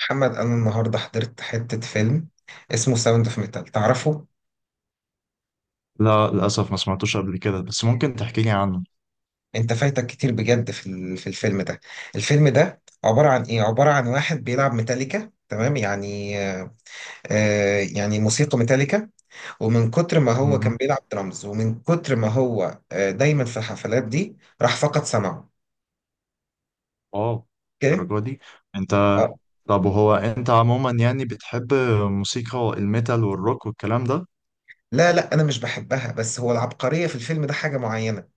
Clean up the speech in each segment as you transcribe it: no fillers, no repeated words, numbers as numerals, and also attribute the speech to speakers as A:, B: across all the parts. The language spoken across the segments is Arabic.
A: محمد، انا النهارده حضرت حته فيلم اسمه ساوند اوف ميتال، تعرفه؟
B: لا، للأسف ما سمعتوش قبل كده، بس ممكن تحكي لي عنه.
A: انت فايتك كتير بجد في الفيلم ده. الفيلم ده عباره عن واحد بيلعب ميتاليكا، تمام يعني؟ يعني موسيقى ميتاليكا. ومن كتر ما هو
B: مهم.
A: كان بيلعب درامز، ومن كتر ما هو دايما في الحفلات دي راح فقد سمعه.
B: واو،
A: اوكي.
B: الدرجة دي؟ انت
A: اه.
B: طب وهو انت عموما يعني بتحب موسيقى الميتال والروك والكلام ده؟
A: لا لا، انا مش بحبها، بس هو العبقريه في الفيلم ده حاجه معينه.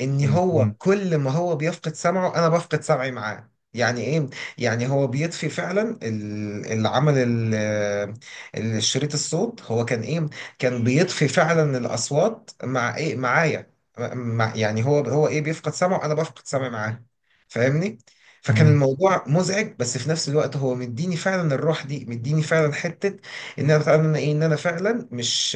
A: ان هو
B: مهم.
A: كل ما هو بيفقد سمعه انا بفقد سمعي معاه، يعني ايه؟ يعني هو بيطفي فعلا اللي عمل الشريط الصوت، هو كان ايه كان بيطفي فعلا الاصوات مع ايه، معايا. مع، يعني هو هو ايه بيفقد سمعه انا بفقد سمعي معاه، فاهمني؟ فكان
B: مهم.
A: الموضوع مزعج، بس في نفس الوقت هو مديني فعلا الروح دي، مديني فعلا حتة. ان انا فعلا مش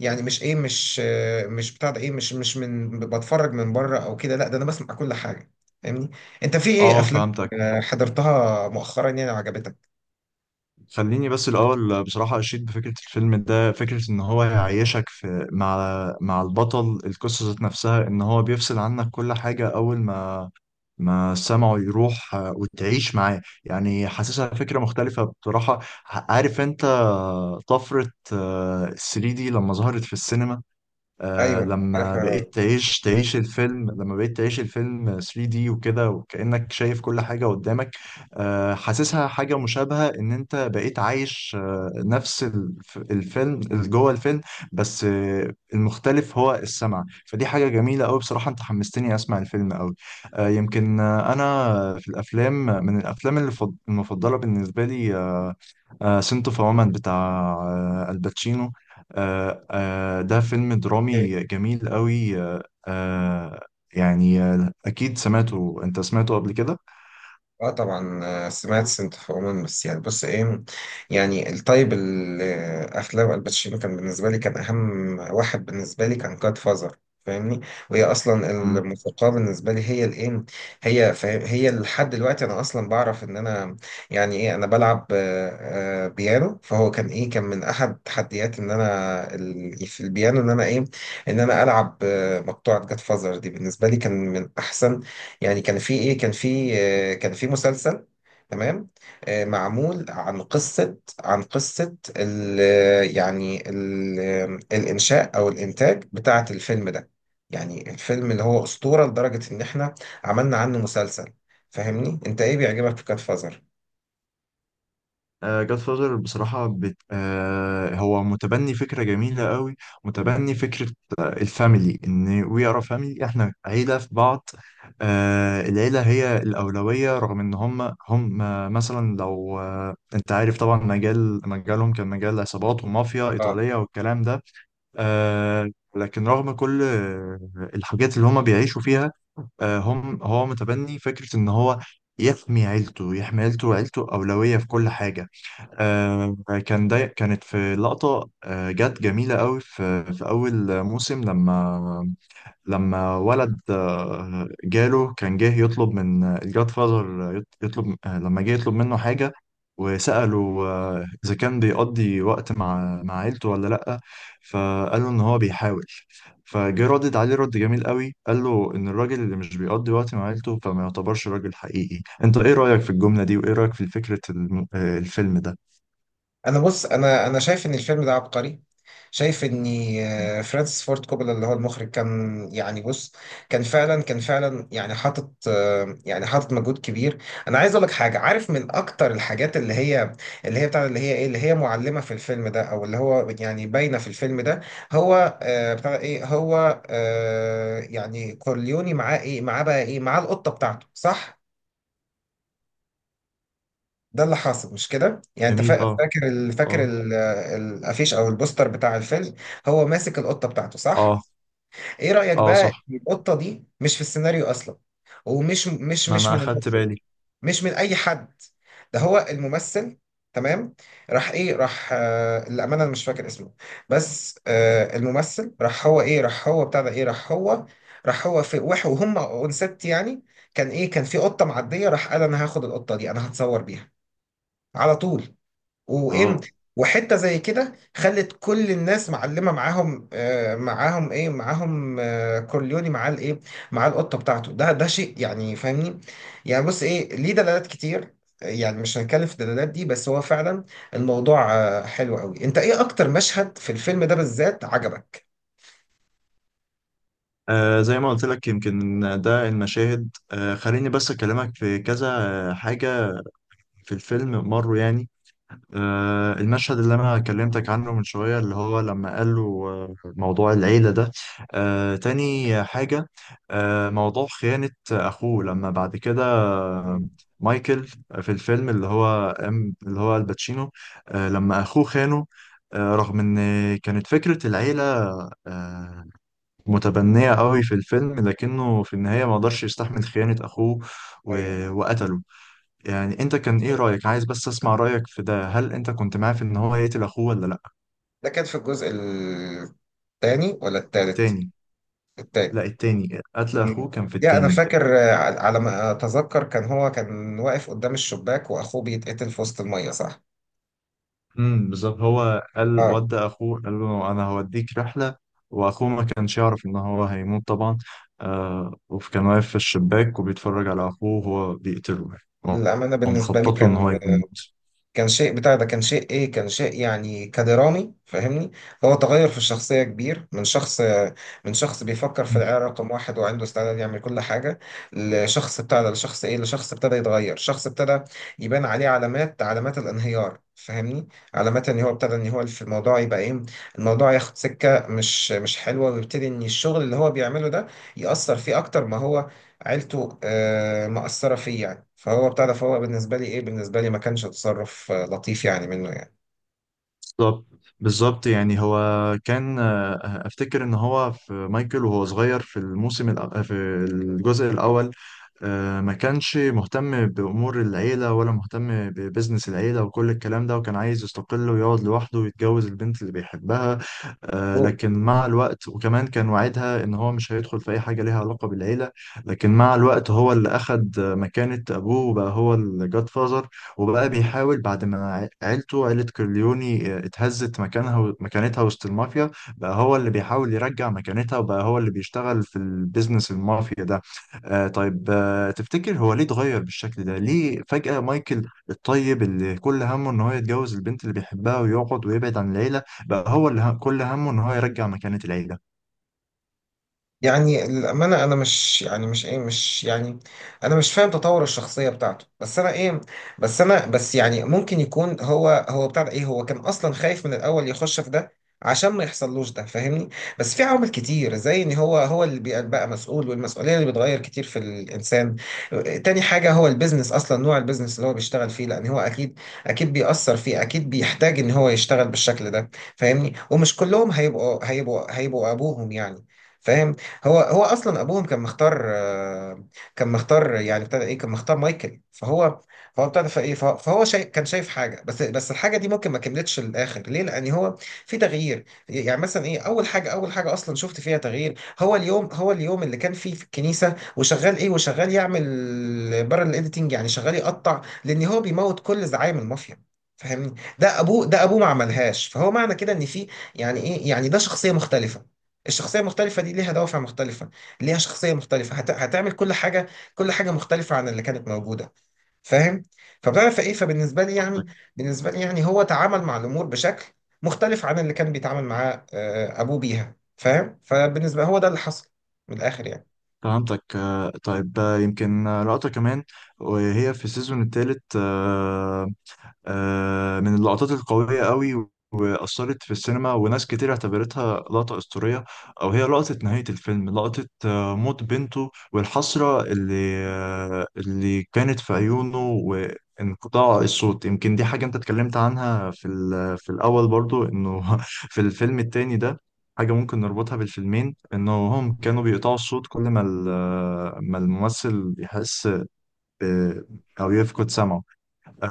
A: يعني مش ايه مش آه، مش بتاع ده ايه مش مش من بتفرج من بره او كده، لا، ده انا بسمع كل حاجه، فاهمني؟ انت في ايه
B: اه
A: افلام
B: فهمتك.
A: حضرتها مؤخرا يعني وعجبتك؟
B: خليني بس الأول بصراحة أشيد بفكرة الفيلم ده، فكرة إن هو يعيشك مع مع البطل القصة ذات نفسها، إن هو بيفصل عنك كل حاجة أول ما سمعه يروح، وتعيش معاه، يعني حاسسها فكرة مختلفة بصراحة. عارف انت طفرة 3D لما ظهرت في السينما، آه
A: ايوه
B: لما
A: عارفها.
B: بقيت تعيش الفيلم، لما بقيت تعيش الفيلم 3D وكده، وكأنك شايف كل حاجة قدامك. آه حاسسها حاجة مشابهة، ان انت بقيت عايش آه نفس الفيلم اللي جوه الفيلم، بس آه المختلف هو السمع، فدي حاجة جميلة قوي بصراحة. انت حمستني اسمع الفيلم قوي. آه يمكن آه انا في الافلام، من الافلام اللي المفضلة بالنسبة لي آه، آه سنتو فومن بتاع آه الباتشينو، ده فيلم درامي جميل قوي، يعني أكيد سمعته، أنت سمعته قبل كده.
A: اه طبعا، سمعت سنت اوف وومن، بس يعني بص ايه. يعني الطيب الافلام الباتشينو كان اهم واحد بالنسبه لي كان جاد فازر، فاهمني. وهي اصلا
B: مم.
A: الموسيقى بالنسبه لي هي الايه، هي، فاهم؟ هي لحد دلوقتي انا اصلا بعرف ان انا، يعني ايه، انا بلعب بيانو، فهو كان من احد تحديات ان انا يعني في البيانو ان انا ايه، ان انا العب مقطوعه جاد فازر دي، بالنسبه لي كان من احسن. يعني كان في مسلسل، تمام. معمول عن قصة ال يعني ال الإنشاء أو الإنتاج بتاعة الفيلم ده. يعني الفيلم اللي هو أسطورة لدرجة إن إحنا عملنا عنه مسلسل. فاهمني. أنت إيه بيعجبك في كات فازر؟
B: جاد فاذر بصراحة بت... آه، هو متبني فكرة جميلة قوي، متبني فكرة الفاميلي، إن وي ار فاميلي، إحنا عيلة في بعض. العيلة هي الأولوية، رغم إن هم مثلا لو أنت عارف طبعا مجالهم كان مجال عصابات ومافيا إيطالية والكلام ده، آه، لكن رغم كل الحاجات اللي هما بيعيشوا فيها، آه هم هو متبني فكرة إن هو يحمي عيلته، يحمي عيلته، وعيلته أولوية في كل حاجة. آه كان ده، كانت في لقطة آه جت جميلة قوي في أول موسم لما ولد جاله كان جه يطلب من الجاد فازر، يطلب لما جه يطلب منه حاجة، وسأله إذا كان بيقضي وقت مع عيلته ولا لأ، فقال له إن هو بيحاول، فجه ردد عليه رد جميل قوي، قال له إن الراجل اللي مش بيقضي وقت مع عيلته فما يعتبرش راجل حقيقي. أنت إيه رأيك في الجملة دي، وإيه رأيك في فكرة الفيلم ده؟
A: انا بص، انا شايف ان الفيلم ده عبقري، شايف ان فرانسيس فورد كوبولا اللي هو المخرج كان، يعني بص، كان فعلا يعني حاطط آه، يعني حاطط مجهود كبير. انا عايز اقول لك حاجه، عارف من اكتر الحاجات اللي هي اللي هي بتاع اللي هي اللي هي معلمه في الفيلم ده او اللي هو يعني باينه في الفيلم ده. هو آه، بتاع ايه هو آه، يعني كورليوني معاه ايه معاه بقى ايه معاه القطه بتاعته، صح؟ ده اللي حاصل مش كده، يعني انت
B: جميل
A: فا-
B: آه.
A: فاكر ال- فاكر
B: آه.
A: ال- الافيش او البوستر بتاع الفيلم. هو ماسك القطه بتاعته، صح؟
B: آه.
A: ايه رايك
B: آه
A: بقى
B: صح،
A: إن القطه دي مش في السيناريو اصلا؟ ومش مش
B: ما
A: مش
B: أنا
A: من
B: أخدت
A: المخرج،
B: بالي.
A: مش من اي حد. ده هو الممثل، تمام. راح ايه راح آه للامانه انا مش فاكر اسمه. بس الممثل راح هو وهم اونست يعني. كان في قطه معديه، راح قال انا هاخد القطه دي انا هتصور بيها على طول.
B: آه.
A: وامتى وحته زي كده خلت كل الناس معلمه معاهم آه معاهم ايه معاهم آه كورليوني مع القطه بتاعته. ده شيء يعني، فاهمني. يعني بص ايه، ليه دلالات كتير، يعني مش هنتكلم في الدلالات دي، بس هو فعلا الموضوع حلو قوي. انت ايه اكتر مشهد في الفيلم ده بالذات عجبك؟
B: آه زي ما قلت لك، يمكن ده المشاهد، آه خليني بس أكلمك في كذا حاجة في الفيلم مروا، يعني آه المشهد اللي أنا كلمتك عنه من شوية، اللي هو لما قال له موضوع العيلة ده. آه تاني حاجة، آه موضوع خيانة أخوه لما بعد كده،
A: مم.
B: مايكل في الفيلم، اللي هو اللي هو الباتشينو، آه لما أخوه خانه، آه رغم إن كانت فكرة العيلة آه، متبنية قوي في الفيلم، لكنه في النهاية ما قدرش يستحمل خيانة أخوه، و...
A: ايوه.
B: وقتله. يعني أنت كان إيه رأيك؟ عايز بس أسمع رأيك في ده، هل أنت كنت معاه في إن هو يقتل أخوه ولا لأ؟
A: ده كان في الجزء الثاني ولا الثالث؟
B: تاني.
A: التاني.
B: لا التاني، قتل أخوه
A: مم.
B: كان في
A: يا انا
B: التاني.
A: فاكر، على ما اتذكر كان هو كان واقف قدام الشباك واخوه بيتقتل في وسط الميه، صح؟
B: امم، بالظبط. هو قال
A: اه.
B: ودى أخوه، قال له أنا هوديك رحلة، وأخوه ما كانش يعرف إن هو هيموت طبعا، آه وكان واقف في الشباك وبيتفرج على أخوه وهو بيقتله، يعني
A: الامانه بالنسبه لي
B: ومخطط له إن
A: كان
B: هو يموت.
A: كان شيء بتاع ده كان شيء ايه كان شيء يعني كدرامي، فاهمني. هو تغير في الشخصية كبير، من شخص من شخص بيفكر في العيار رقم واحد وعنده استعداد يعمل كل حاجة، لشخص بتاع ده لشخص ايه لشخص ابتدى يتغير، شخص ابتدى يبان عليه علامات الانهيار، فاهمني. علامات ان هو ابتدى، ان هو في الموضوع يبقى ايه، الموضوع ياخد سكة مش حلوة، ويبتدي ان الشغل اللي هو بيعمله ده يأثر فيه اكتر ما هو عيلته مأثرة فيه، يعني. فهو بتاع ده فهو بالنسبة لي إيه، بالنسبة لي ما كانش تصرف لطيف يعني منه، يعني.
B: بالظبط، بالظبط. يعني هو كان افتكر ان هو في مايكل، وهو صغير في في الجزء الاول ما كانش مهتم بامور العيله، ولا مهتم ببزنس العيله وكل الكلام ده، وكان عايز يستقل ويقعد لوحده ويتجوز البنت اللي بيحبها، لكن مع الوقت، وكمان كان وعدها ان هو مش هيدخل في اي حاجه ليها علاقه بالعيله، لكن مع الوقت هو اللي اخد مكانه ابوه، وبقى هو الجاد فازر. وبقى بيحاول بعد ما عيلته، عيلة كورليوني، اتهزت مكانتها وسط المافيا، بقى هو اللي بيحاول يرجع مكانتها، وبقى هو اللي بيشتغل في البيزنس المافيا ده. آه طيب، آه تفتكر هو ليه اتغير بالشكل ده؟ ليه فجأة مايكل الطيب، اللي كل همه ان هو يتجوز البنت اللي بيحبها ويقعد ويبعد عن العيلة، بقى هو اللي كل همه ان هو يرجع مكانة العيلة؟
A: يعني الأمانة، أنا مش يعني مش إيه مش يعني أنا مش فاهم تطور الشخصية بتاعته، بس أنا إيه، بس أنا بس يعني ممكن يكون هو هو بتاع ده إيه هو كان أصلا خايف من الأول يخش في ده عشان ما يحصلوش ده، فاهمني. بس في عوامل كتير، زي إن هو اللي بقى مسؤول، والمسؤولية اللي بتغير كتير في الإنسان. تاني حاجة، هو البيزنس أصلا نوع البيزنس اللي هو بيشتغل فيه، لأن هو أكيد بيأثر فيه، أكيد بيحتاج إن هو يشتغل بالشكل ده، فاهمني. ومش كلهم هيبقوا أبوهم، يعني، فاهم. هو اصلا ابوهم كان مختار، كان مختار يعني ابتدى ايه، كان مختار مايكل، فهو فهو ابتدى فايه فهو فهو شايف، كان شايف حاجه، بس الحاجه دي ممكن ما كملتش للاخر، ليه، لان هو في تغيير. يعني مثلا ايه، اول حاجه اصلا شفت فيها تغيير، هو اليوم اللي كان فيه في الكنيسه، وشغال ايه، وشغال يعمل بره الايديتنج، يعني شغال يقطع لان هو بيموت كل زعايم المافيا، فاهمني. ده ابوه ما عملهاش، فهو معنى كده ان في، يعني ايه، يعني ده شخصيه مختلفه. الشخصية المختلفة دي ليها دوافع مختلفة، ليها شخصية مختلفة، هتعمل كل حاجة، كل حاجة مختلفة عن اللي كانت موجودة، فاهم. فبتعرف ايه، فبالنسبة لي يعني بالنسبة لي يعني هو تعامل مع الأمور بشكل مختلف عن اللي كان بيتعامل معاه أبوه بيها، فاهم. فبالنسبة هو ده اللي حصل من الآخر، يعني.
B: فهمتك. آه طيب، آه يمكن آه، لقطة كمان وهي في السيزون الثالث، من اللقطات القوية قوي، وأثرت في السينما، وناس كتير اعتبرتها لقطة أسطورية. أو هي لقطة نهاية الفيلم، لقطة موت بنته، والحسرة اللي اللي كانت في عيونه، وانقطاع الصوت. يمكن دي حاجة أنت اتكلمت عنها في في الأول برضو، إنه في الفيلم التاني ده حاجة ممكن نربطها بالفيلمين، إنه هم كانوا بيقطعوا الصوت كل ما ما الممثل يحس ب- أو يفقد سمعه.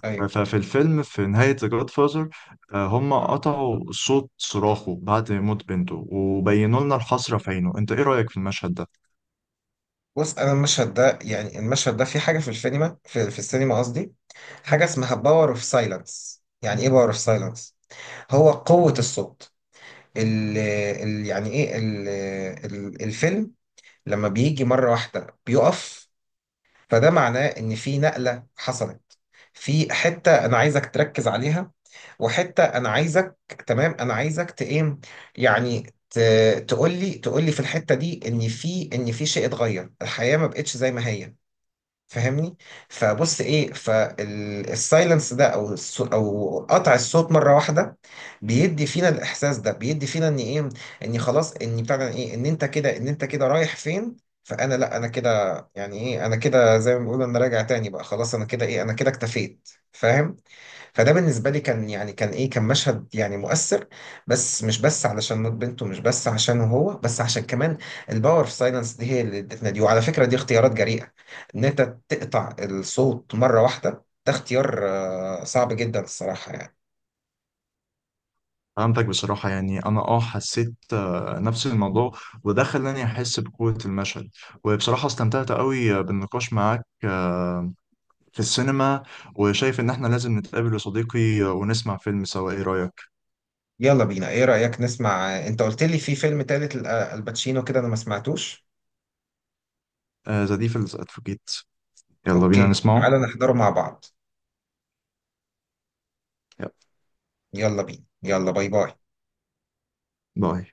A: ايوه،
B: ففي الفيلم، في نهاية The Godfather، هم قطعوا صوت صراخه بعد موت بنته، وبينوا لنا الحسرة في عينه. انت ايه رأيك في المشهد ده؟
A: بص، انا المشهد ده يعني المشهد ده في حاجه في السينما، في السينما قصدي. حاجه اسمها باور اوف سايلنس. يعني ايه باور اوف سايلنس؟ هو قوه الصوت. ال ال يعني ايه ال ال الفيلم لما بيجي مرة واحدة بيقف، فده معناه ان في نقلة حصلت، في حتة انا عايزك تركز عليها، وحتة انا عايزك تمام انا عايزك ت- ايه يعني تقول لي، في الحتة دي ان في، شيء اتغير، الحياة ما بقتش زي ما هي، فاهمني. فبص ايه، فالسايلنس ده او او قطع الصوت مره واحده بيدي فينا الاحساس ده، بيدي فينا ان ايه، ان خلاص، ان بتاع ده ايه ان انت كده رايح فين. فانا، لا، انا كده، يعني ايه، انا كده زي ما بيقولوا انا راجع تاني بقى، خلاص انا كده ايه، انا كده اكتفيت، فاهم. فده بالنسبة لي كان، يعني كان مشهد يعني مؤثر، بس مش بس علشان موت بنته، مش بس عشان هو، بس عشان كمان الباور في سايلنس دي، هي اللي ادتنا دي. وعلى فكرة دي اختيارات جريئة، إن أنت تقطع الصوت مرة واحدة، ده اختيار صعب جدا الصراحة، يعني.
B: فهمتك. بصراحة يعني انا اه حسيت نفس الموضوع، وده خلاني احس بقوة المشهد. وبصراحة استمتعت قوي بالنقاش معاك في السينما، وشايف ان احنا لازم نتقابل يا صديقي، ونسمع فيلم سوا، ايه رأيك؟
A: يلا بينا، إيه رأيك نسمع؟ أنت قلت لي في فيلم تالت الباتشينو كده، أنا ما سمعتوش.
B: آه، The Devil's Advocate، يلا بينا
A: أوكي،
B: نسمعه.
A: تعالى نحضره مع بعض،
B: يلا
A: يلا بينا، يلا، باي باي.
B: باي.